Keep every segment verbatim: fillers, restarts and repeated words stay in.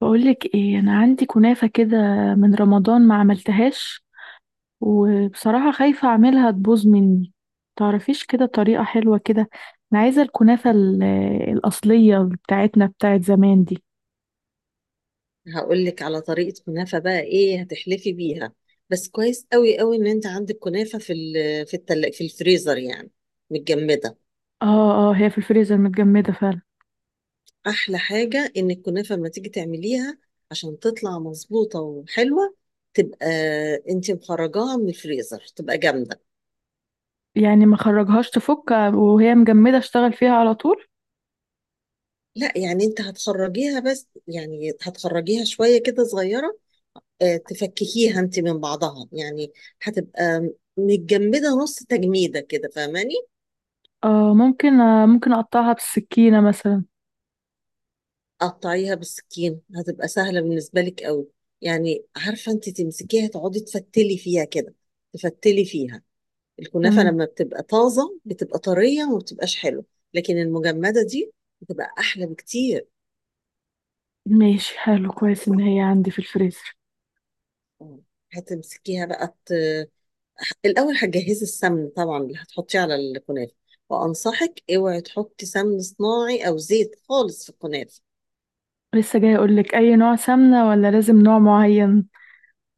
بقولك ايه؟ انا عندي كنافة كده من رمضان ما عملتهاش، وبصراحة خايفة اعملها تبوظ مني. تعرفيش كده طريقة حلوة كده؟ انا عايزة الكنافة ال- الأصلية بتاعتنا بتاعت زمان دي. هقول لك على طريقة كنافة بقى ايه هتحلفي بيها. بس كويس قوي قوي ان انت عندك كنافة في ال- في التل... في الفريزر يعني، متجمدة. اه اه، هي في الفريزر متجمدة فعلا. احلى حاجة ان الكنافة لما تيجي تعمليها، عشان تطلع مظبوطة وحلوة، تبقى انت مخرجاها من الفريزر تبقى جامدة. يعني ما خرجهاش، تفك وهي مجمدة اشتغل فيها على طول؟ لا يعني انت هتخرجيها، بس يعني هتخرجيها شوية كده صغيرة، آه، تفككيها انت من بعضها يعني. هتبقى متجمدة نص تجميدة كده، فاهماني؟ اه ممكن، آه ممكن اقطعها بالسكينة مثلا. قطعيها بالسكين هتبقى سهلة بالنسبة لك قوي. يعني عارفة انت تمسكيها تقعدي تفتلي فيها كده، تفتلي فيها. الكنافة تمام. لما بتبقى طازة بتبقى طرية وما بتبقاش حلوة، لكن المجمدة دي بتبقى أحلى بكتير. ماشي، حلو، كويس ان هي عندي في الفريزر. اه. هتمسكيها بقى ت... الأول هتجهزي السمن طبعا اللي هتحطيه على الكنافة. وأنصحك اوعي تحطي سمن صناعي أو زيت خالص في الكنافة. لسه جاي اقولك، اي نوع سمنة ولا لازم نوع معين؟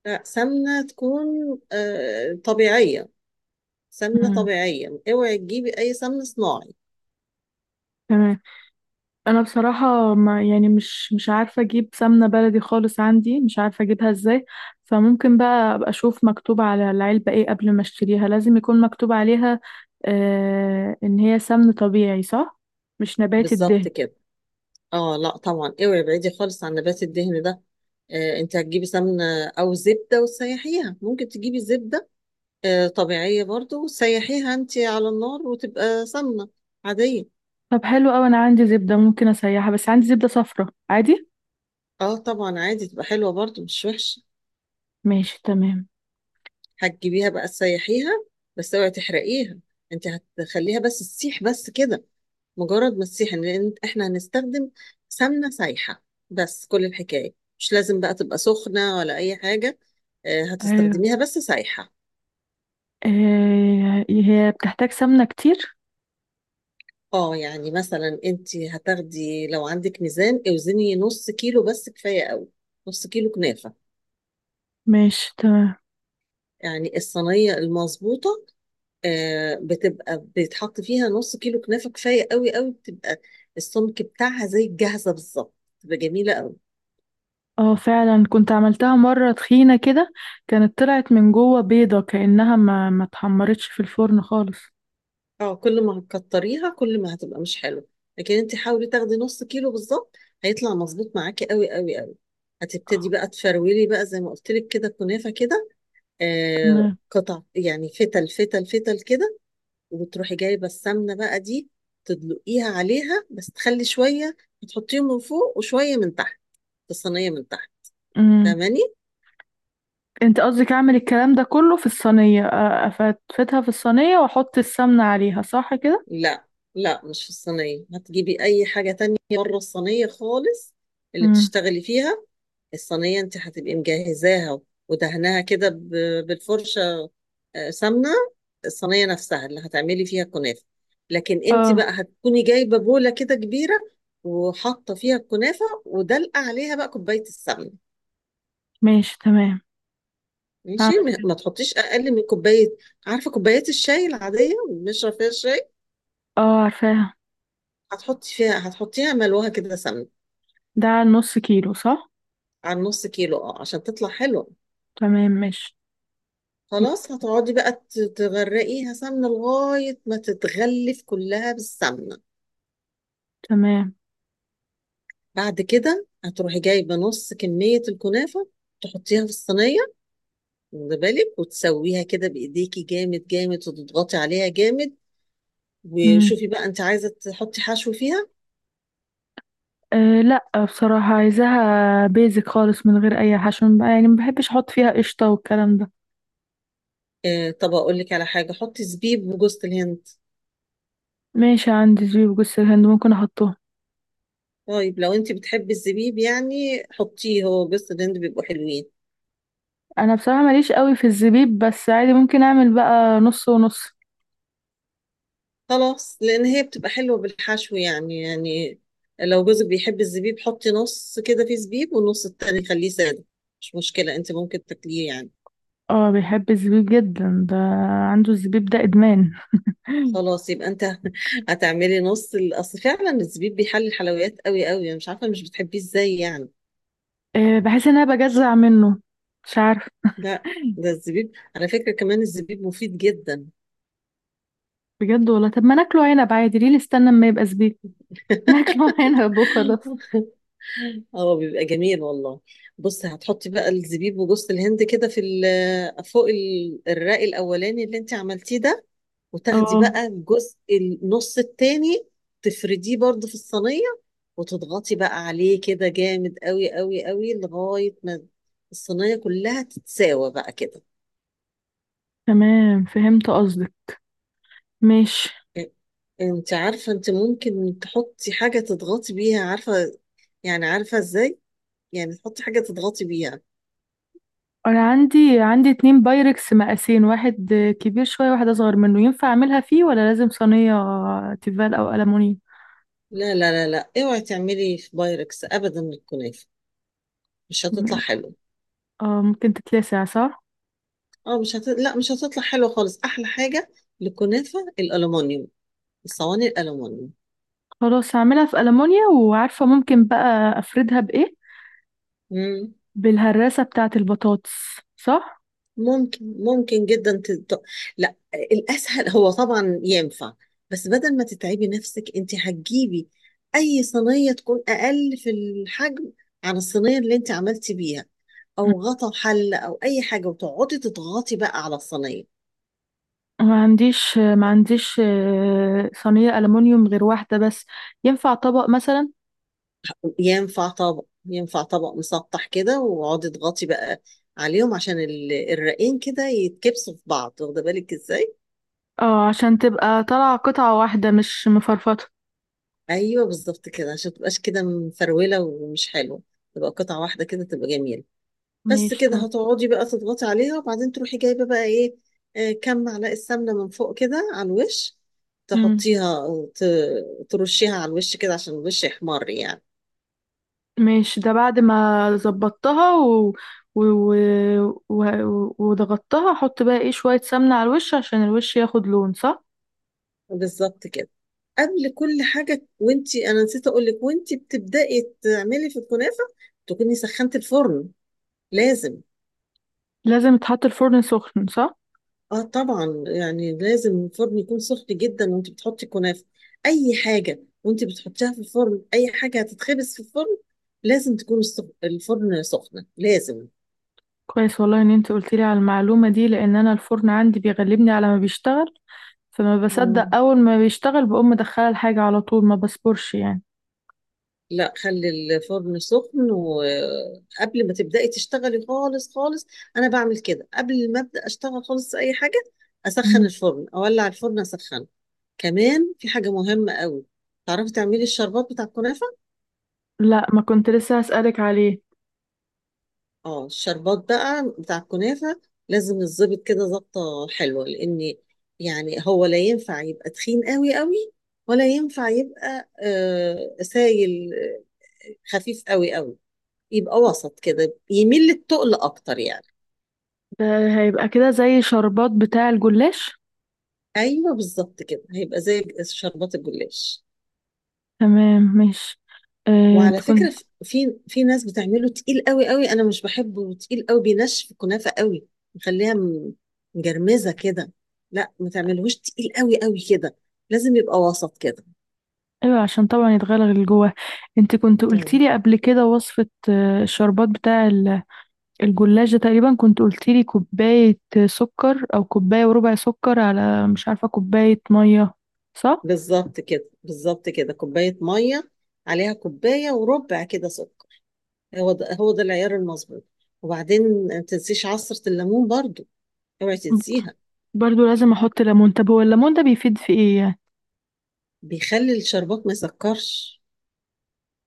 لا، سمنة تكون آه، طبيعية. سمنة طبيعية، اوعي تجيبي اي سمن صناعي. تمام. انا بصراحه، ما يعني، مش مش عارفه اجيب سمنه بلدي خالص، عندي مش عارفه اجيبها ازاي. فممكن بقى ابقى اشوف مكتوب على العلبه ايه قبل ما اشتريها، لازم يكون مكتوب عليها آه ان هي سمن طبيعي، صح؟ مش نبات الدهن. بالظبط كده. اه لا طبعا، اوعي ابعدي خالص عن نبات الدهن ده. آه انت هتجيبي سمنة او زبدة وتسيحيها، ممكن تجيبي زبدة آه طبيعية برضو، وتسيحيها انت على النار وتبقى سمنة عادية. طب حلو قوي، انا عندي زبده ممكن اسيحها، بس عندي زبده صفرا، عادي؟ اه طبعا، عادي تبقى حلوة برضو، مش وحشة. ماشي تمام. هتجيبيها بقى تسيحيها، بس اوعي تحرقيها. انت هتخليها بس تسيح بس كده، مجرد مسيحا لان احنا هنستخدم سمنه سايحه بس، كل الحكايه. مش لازم بقى تبقى سخنه ولا اي حاجه، آه، ايوه. هتستخدميها بس سايحه. آه، هي بتحتاج سمنه كتير. اه يعني مثلا انت هتاخدي، لو عندك ميزان اوزني نص كيلو بس كفايه قوي. نص كيلو كنافه. ماشي تمام. يعني الصينيه المظبوطه آه، بتبقى بيتحط فيها نص كيلو كنافه، كفايه قوي قوي، بتبقى السمك بتاعها زي الجاهزه بالظبط، بتبقى جميله قوي. اه فعلا، كنت عملتها مرة تخينة كده، كانت طلعت من جوه بيضة كأنها ما ما اتحمرتش في الفرن خالص. اه كل ما هتكتريها كل ما هتبقى مش حلو، لكن انت حاولي تاخدي نص كيلو بالظبط، هيطلع مظبوط معاكي قوي قوي قوي. هتبتدي بقى تفرولي بقى زي ما قلت لك كده كنافه كده، آه تمام. قطع يعني، فتل فتل فتل كده. وتروحي جايبه السمنه بقى دي، تدلقيها عليها، بس تخلي شويه تحطيهم من فوق وشويه من تحت، في الصينيه من تحت. امم، فاهماني؟ انت قصدك اعمل الكلام ده كله في الصينية؟ آه، افتفتها في الصينية واحط السمنة عليها، صح كده؟ لا لا، مش في الصينيه، هتجيبي اي حاجه تانية بره الصينيه خالص اللي امم. بتشتغلي فيها. الصينية انت هتبقي مجهزاها ودهناها كده ب- بالفرشة آه، سمنة. الصينية نفسها اللي هتعملي فيها الكنافة. لكن انت اه. بقى هتكوني جايبة بولة كده كبيرة، وحاطة فيها الكنافة، ودلقة عليها بقى كوباية السمنة. ماشي تمام. ماشي، هعمل ما كده. ما تحطيش اقل من كوباية. عارفة كوبايات الشاي العادية اللي بنشرب فيها الشاي؟ اه، عارفاها. هتحطي فيها، هتحطيها ملوها كده سمنة. ده على نص كيلو، صح؟ على نص كيلو، اه، عشان تطلع حلوة. تمام ماشي. خلاص، هتقعدي بقى ت- تغرقيها سمنة لغاية ما تتغلف كلها بالسمنة. تمام. بعد كده هتروحي جايبة نص كمية الكنافة، تحطيها في الصينية، واخدة بالك، وتسويها كده بإيديكي جامد جامد، وتضغطي عليها جامد. امم. وشوفي بقى انت عايزة تحطي حشو فيها. أه لا، بصراحة عايزاها بيزك خالص من غير اي حشو، يعني ما بحبش احط فيها قشطة والكلام ده. اه، طب اقول لك على حاجة، حطي زبيب وجوز الهند. ماشي، عندي زبيب وجوز الهند، ممكن احطهم. طيب لو انت بتحبي الزبيب يعني حطيه، هو جوز الهند بيبقوا حلوين. انا بصراحه ماليش قوي في الزبيب، بس عادي ممكن اعمل بقى نص ونص. خلاص، لان هي بتبقى حلوه بالحشو يعني يعني، لو جوزك بيحب الزبيب، حطي نص كده فيه زبيب والنص التاني خليه ساده، مش مشكله، انت ممكن تاكليه يعني. اه بيحب الزبيب جدا ده، عنده الزبيب ده ادمان. خلاص يبقى انت هتعملي نص ال- اصل فعلا الزبيب بيحلي الحلويات قوي قوي، انا مش عارفه مش بتحبيه ازاي يعني. آه، بحس ان انا بجزع منه، مش عارف. لا، ده الزبيب على فكره، كمان الزبيب مفيد جدا. بجد والله؟ طب ما ناكله عنب عادي، ليه نستنى اما يبقى زبيب؟ ناكله عنب وخلاص. اه بيبقى جميل والله. بصي، هتحطي بقى الزبيب وجوز الهند كده في ال- فوق ال- الرق الاولاني اللي انت عملتيه ده، وتاخدي اه. بقى الجزء النص التاني تفرديه برضو في الصينية، وتضغطي بقى عليه كده جامد قوي قوي قوي لغاية ما الصينية كلها تتساوى بقى كده. تمام فهمت قصدك. ماشي. إ- انت عارفة انت ممكن تحطي حاجة تضغطي بيها، عارفة؟ يعني، عارفة ازاي؟ يعني تحطي حاجة تضغطي بيها. انا عندي عندي اتنين بايركس مقاسين، واحد كبير شويه واحد اصغر منه، ينفع اعملها فيه ولا لازم صينيه تيفال او ألمونيا؟ لا لا لا لا، اوعي تعملي في بايركس ابدا الكنافة، مش هتطلع اه حلو. ممكن تتلسع، صح؟ اه مش هت... لا، مش هتطلع حلوة خالص. احلى حاجة للكنافة الالومنيوم، الصواني الالومنيوم. خلاص، هعملها في ألمونيا. وعارفة ممكن بقى أفردها بإيه؟ بالهراسة بتاعة البطاطس، صح؟ ممكن ممكن جدا تط... لا الاسهل هو طبعا ينفع، بس بدل ما تتعبي نفسك، انت هتجيبي اي صينيه تكون اقل في الحجم عن الصينيه اللي انت عملتي بيها، م. او غطا حله او اي حاجه، وتقعدي تضغطي بقى على الصينيه. ما عنديش ما عنديش آه، صينية ألمونيوم غير واحدة بس. ينفع طبق مثلا؟ ينفع طبق، ينفع طبق مسطح كده، واقعدي تضغطي بقى عليهم عشان ال- الرقين كده يتكبسوا في بعض، واخده بالك ازاي؟ اه عشان تبقى طالعة قطعة واحدة مش مفرفطة. ايوه، بالظبط كده، عشان تبقاش كده مفروله ومش حلو، تبقى قطعه واحده كده، تبقى جميله. بس ماشي كده، تمام. هتقعدي بقى تضغطي عليها، وبعدين تروحي جايبه بقى ايه، آه، كام معلقه سمنه من فوق كده على الوش، مم. تحطيها، ت- ترشيها على الوش كده عشان الوش يحمر يعني. ماشي، ده بعد ما ظبطتها و... و... و... و... وضغطتها، احط بقى ايه؟ شوية سمنة على الوش عشان الوش ياخد لون، صح؟ بالظبط كده. قبل كل حاجه، وانتي، انا نسيت اقول لك، وانتي بتبداي تعملي في الكنافه تكوني سخنتي الفرن، لازم. لازم يتحط الفرن سخن، صح؟ اه طبعا، يعني لازم الفرن يكون سخن جدا وانت بتحطي الكنافه، اي حاجه وانت بتحطيها في الفرن، اي حاجه هتتخبز في الفرن لازم تكون السخ- الفرن سخنه، لازم. كويس والله ان انت قلت لي على المعلومه دي، لان انا الفرن عندي بيغلبني على ما بيشتغل، فما بصدق مم. اول ما بيشتغل بقوم مدخله الحاجه على طول، ما بصبرش يعني. لا، خلي الفرن سخن، وقبل ما تبدأي تشتغلي خالص خالص، أنا بعمل كده قبل ما أبدأ أشتغل خالص في أي حاجة، أسخن مم. الفرن، أولع الفرن أسخنه. كمان في حاجة مهمة قوي، تعرفي تعملي الشربات بتاع الكنافة؟ لا، ما كنت لسه هسألك عليه. اه، الشربات بقى بتاع الكنافة لازم الظبط كده ظبطة حلوة، لأن يعني هو لا ينفع يبقى تخين قوي قوي، ولا ينفع يبقى آه سايل، آه، خفيف قوي قوي، يبقى وسط كده، يميل للتقل أكتر يعني. ده هيبقى كده زي شربات بتاع الجلاش. أيوه، بالظبط كده، هيبقى زي شربات الجلاش. تمام ماشي. آه، انت وعلى فكرة كنت ف- في في ناس بتعمله تقيل قوي قوي، انا مش بحبه تقيل قوي بينشف الكنافة قوي، مخليها م- مجرمزة كده. لا، ما تعملهوش تقيل قوي قوي كده، لازم يبقى وسط كده. ايوه عشان طبعا يتغلغل جواه. انت كنت قلتي مم. لي قبل كده وصفه، آه، الشربات بتاع الجلاش ده، تقريبا كنت قلتيلي كوباية سكر أو كوباية وربع سكر على، مش عارفة، كوباية مية، صح؟ بالظبط كده، بالظبط كده، كوباية مية عليها كوباية وربع كده سكر، هو ده هو ده العيار المظبوط. وبعدين ما تنسيش عصرة الليمون برضو، اوعي تنسيها. برضو لازم أحط ليمون؟ طب هو الليمون ده بيفيد في إيه يعني؟ بيخلي الشربات ما يسكرش.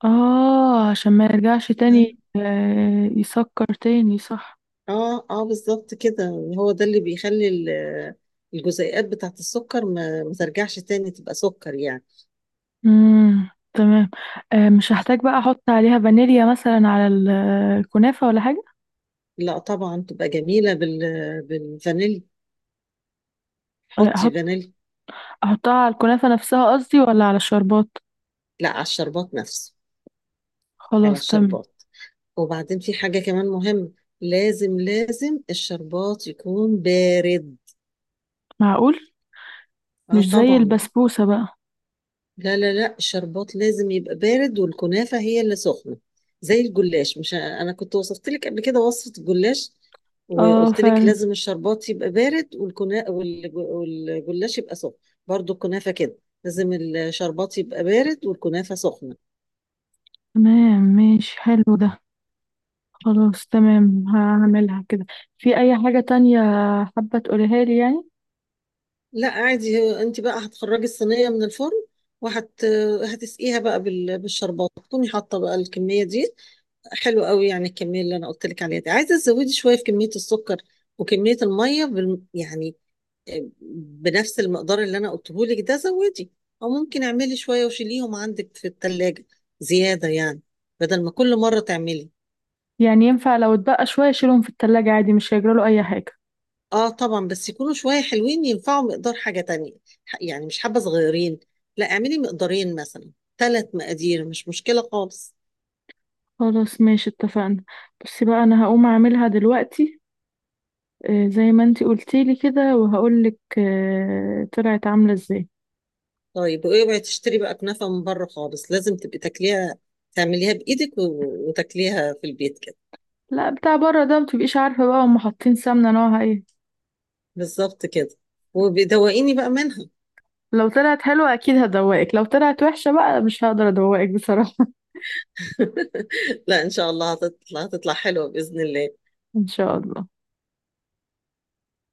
آه عشان ما يرجعش اه. تاني آه يسكر تاني، صح؟ اه اه، بالظبط كده، هو ده اللي بيخلي ال- الجزيئات بتاعت السكر ما, ما ترجعش تاني تبقى سكر يعني. مم. تمام. آه، مش هحتاج بقى أحط عليها فانيليا مثلا على ال- الكنافة، ولا حاجة؟ لا طبعا، تبقى جميلة بال بالفانيليا، آه، حطي أحط فانيليا. أحطها على الكنافة نفسها قصدي ولا على الشربات؟ لا، على الشربات نفسه، على خلاص تمام. الشربات. وبعدين في حاجة كمان مهمة، لازم لازم الشربات يكون بارد. معقول؟ اه مش زي طبعا. البسبوسة بقى. لا لا لا، الشربات لازم يبقى بارد والكنافة هي اللي سخنة، زي الجلاش، مش أنا كنت وصفت لك قبل كده وصفة الجلاش اه وقلت لك فعلا. لازم الشربات يبقى بارد والكنا... والج- والجلاش يبقى سخن. برضو الكنافة كده، لازم الشربات يبقى بارد والكنافة سخنة. تمام ماشي، حلو ده. خلاص تمام، هعملها كده. في اي حاجة تانية حابة تقوليها لي يعني؟ لا عادي، هو انت بقى هتخرجي الصينية من الفرن، وهت هتسقيها بقى بال... بالشربات، تكوني حاطة بقى الكمية دي. حلو قوي، يعني الكميه اللي انا قلت لك عليها دي عايزه تزودي شويه في كميه السكر وكميه الميه بال... يعني، آه، بنفس المقدار اللي انا قلته لك ده زودي، او ممكن اعملي شويه وشيليهم عندك في الثلاجه زياده يعني، بدل ما كل مره تعملي. يعني ينفع لو اتبقى شوية اشيلهم في التلاجة عادي، مش هيجراله اي حاجة؟ اه طبعا، بس يكونوا شويه حلوين ينفعوا مقدار حاجه تانية، ح- يعني مش حبه صغيرين، لا اعملي مقدارين مثلا، ثلاث مقادير مش مشكله خالص. خلاص ماشي، اتفقنا. بصي بقى، انا هقوم اعملها دلوقتي، آه، زي ما انتي قلتيلي كده، وهقولك آه، طلعت عاملة ازاي. طيب، واوعي تشتري بقى كنافة من بره خالص، لازم تبقي تاكليها تعمليها بايدك و- وتاكليها في البيت كده. لا، بتاع بره ده متبقيش عارفة بقى هم حاطين سمنة نوعها ايه. بالظبط كده، وبيدوقيني بقى منها. لو طلعت حلوة اكيد هدوقك، لو طلعت وحشة بقى مش هقدر ادوقك بصراحة. لا ان شاء الله هتطلع هتطلع حلوة بإذن الله. ان شاء الله.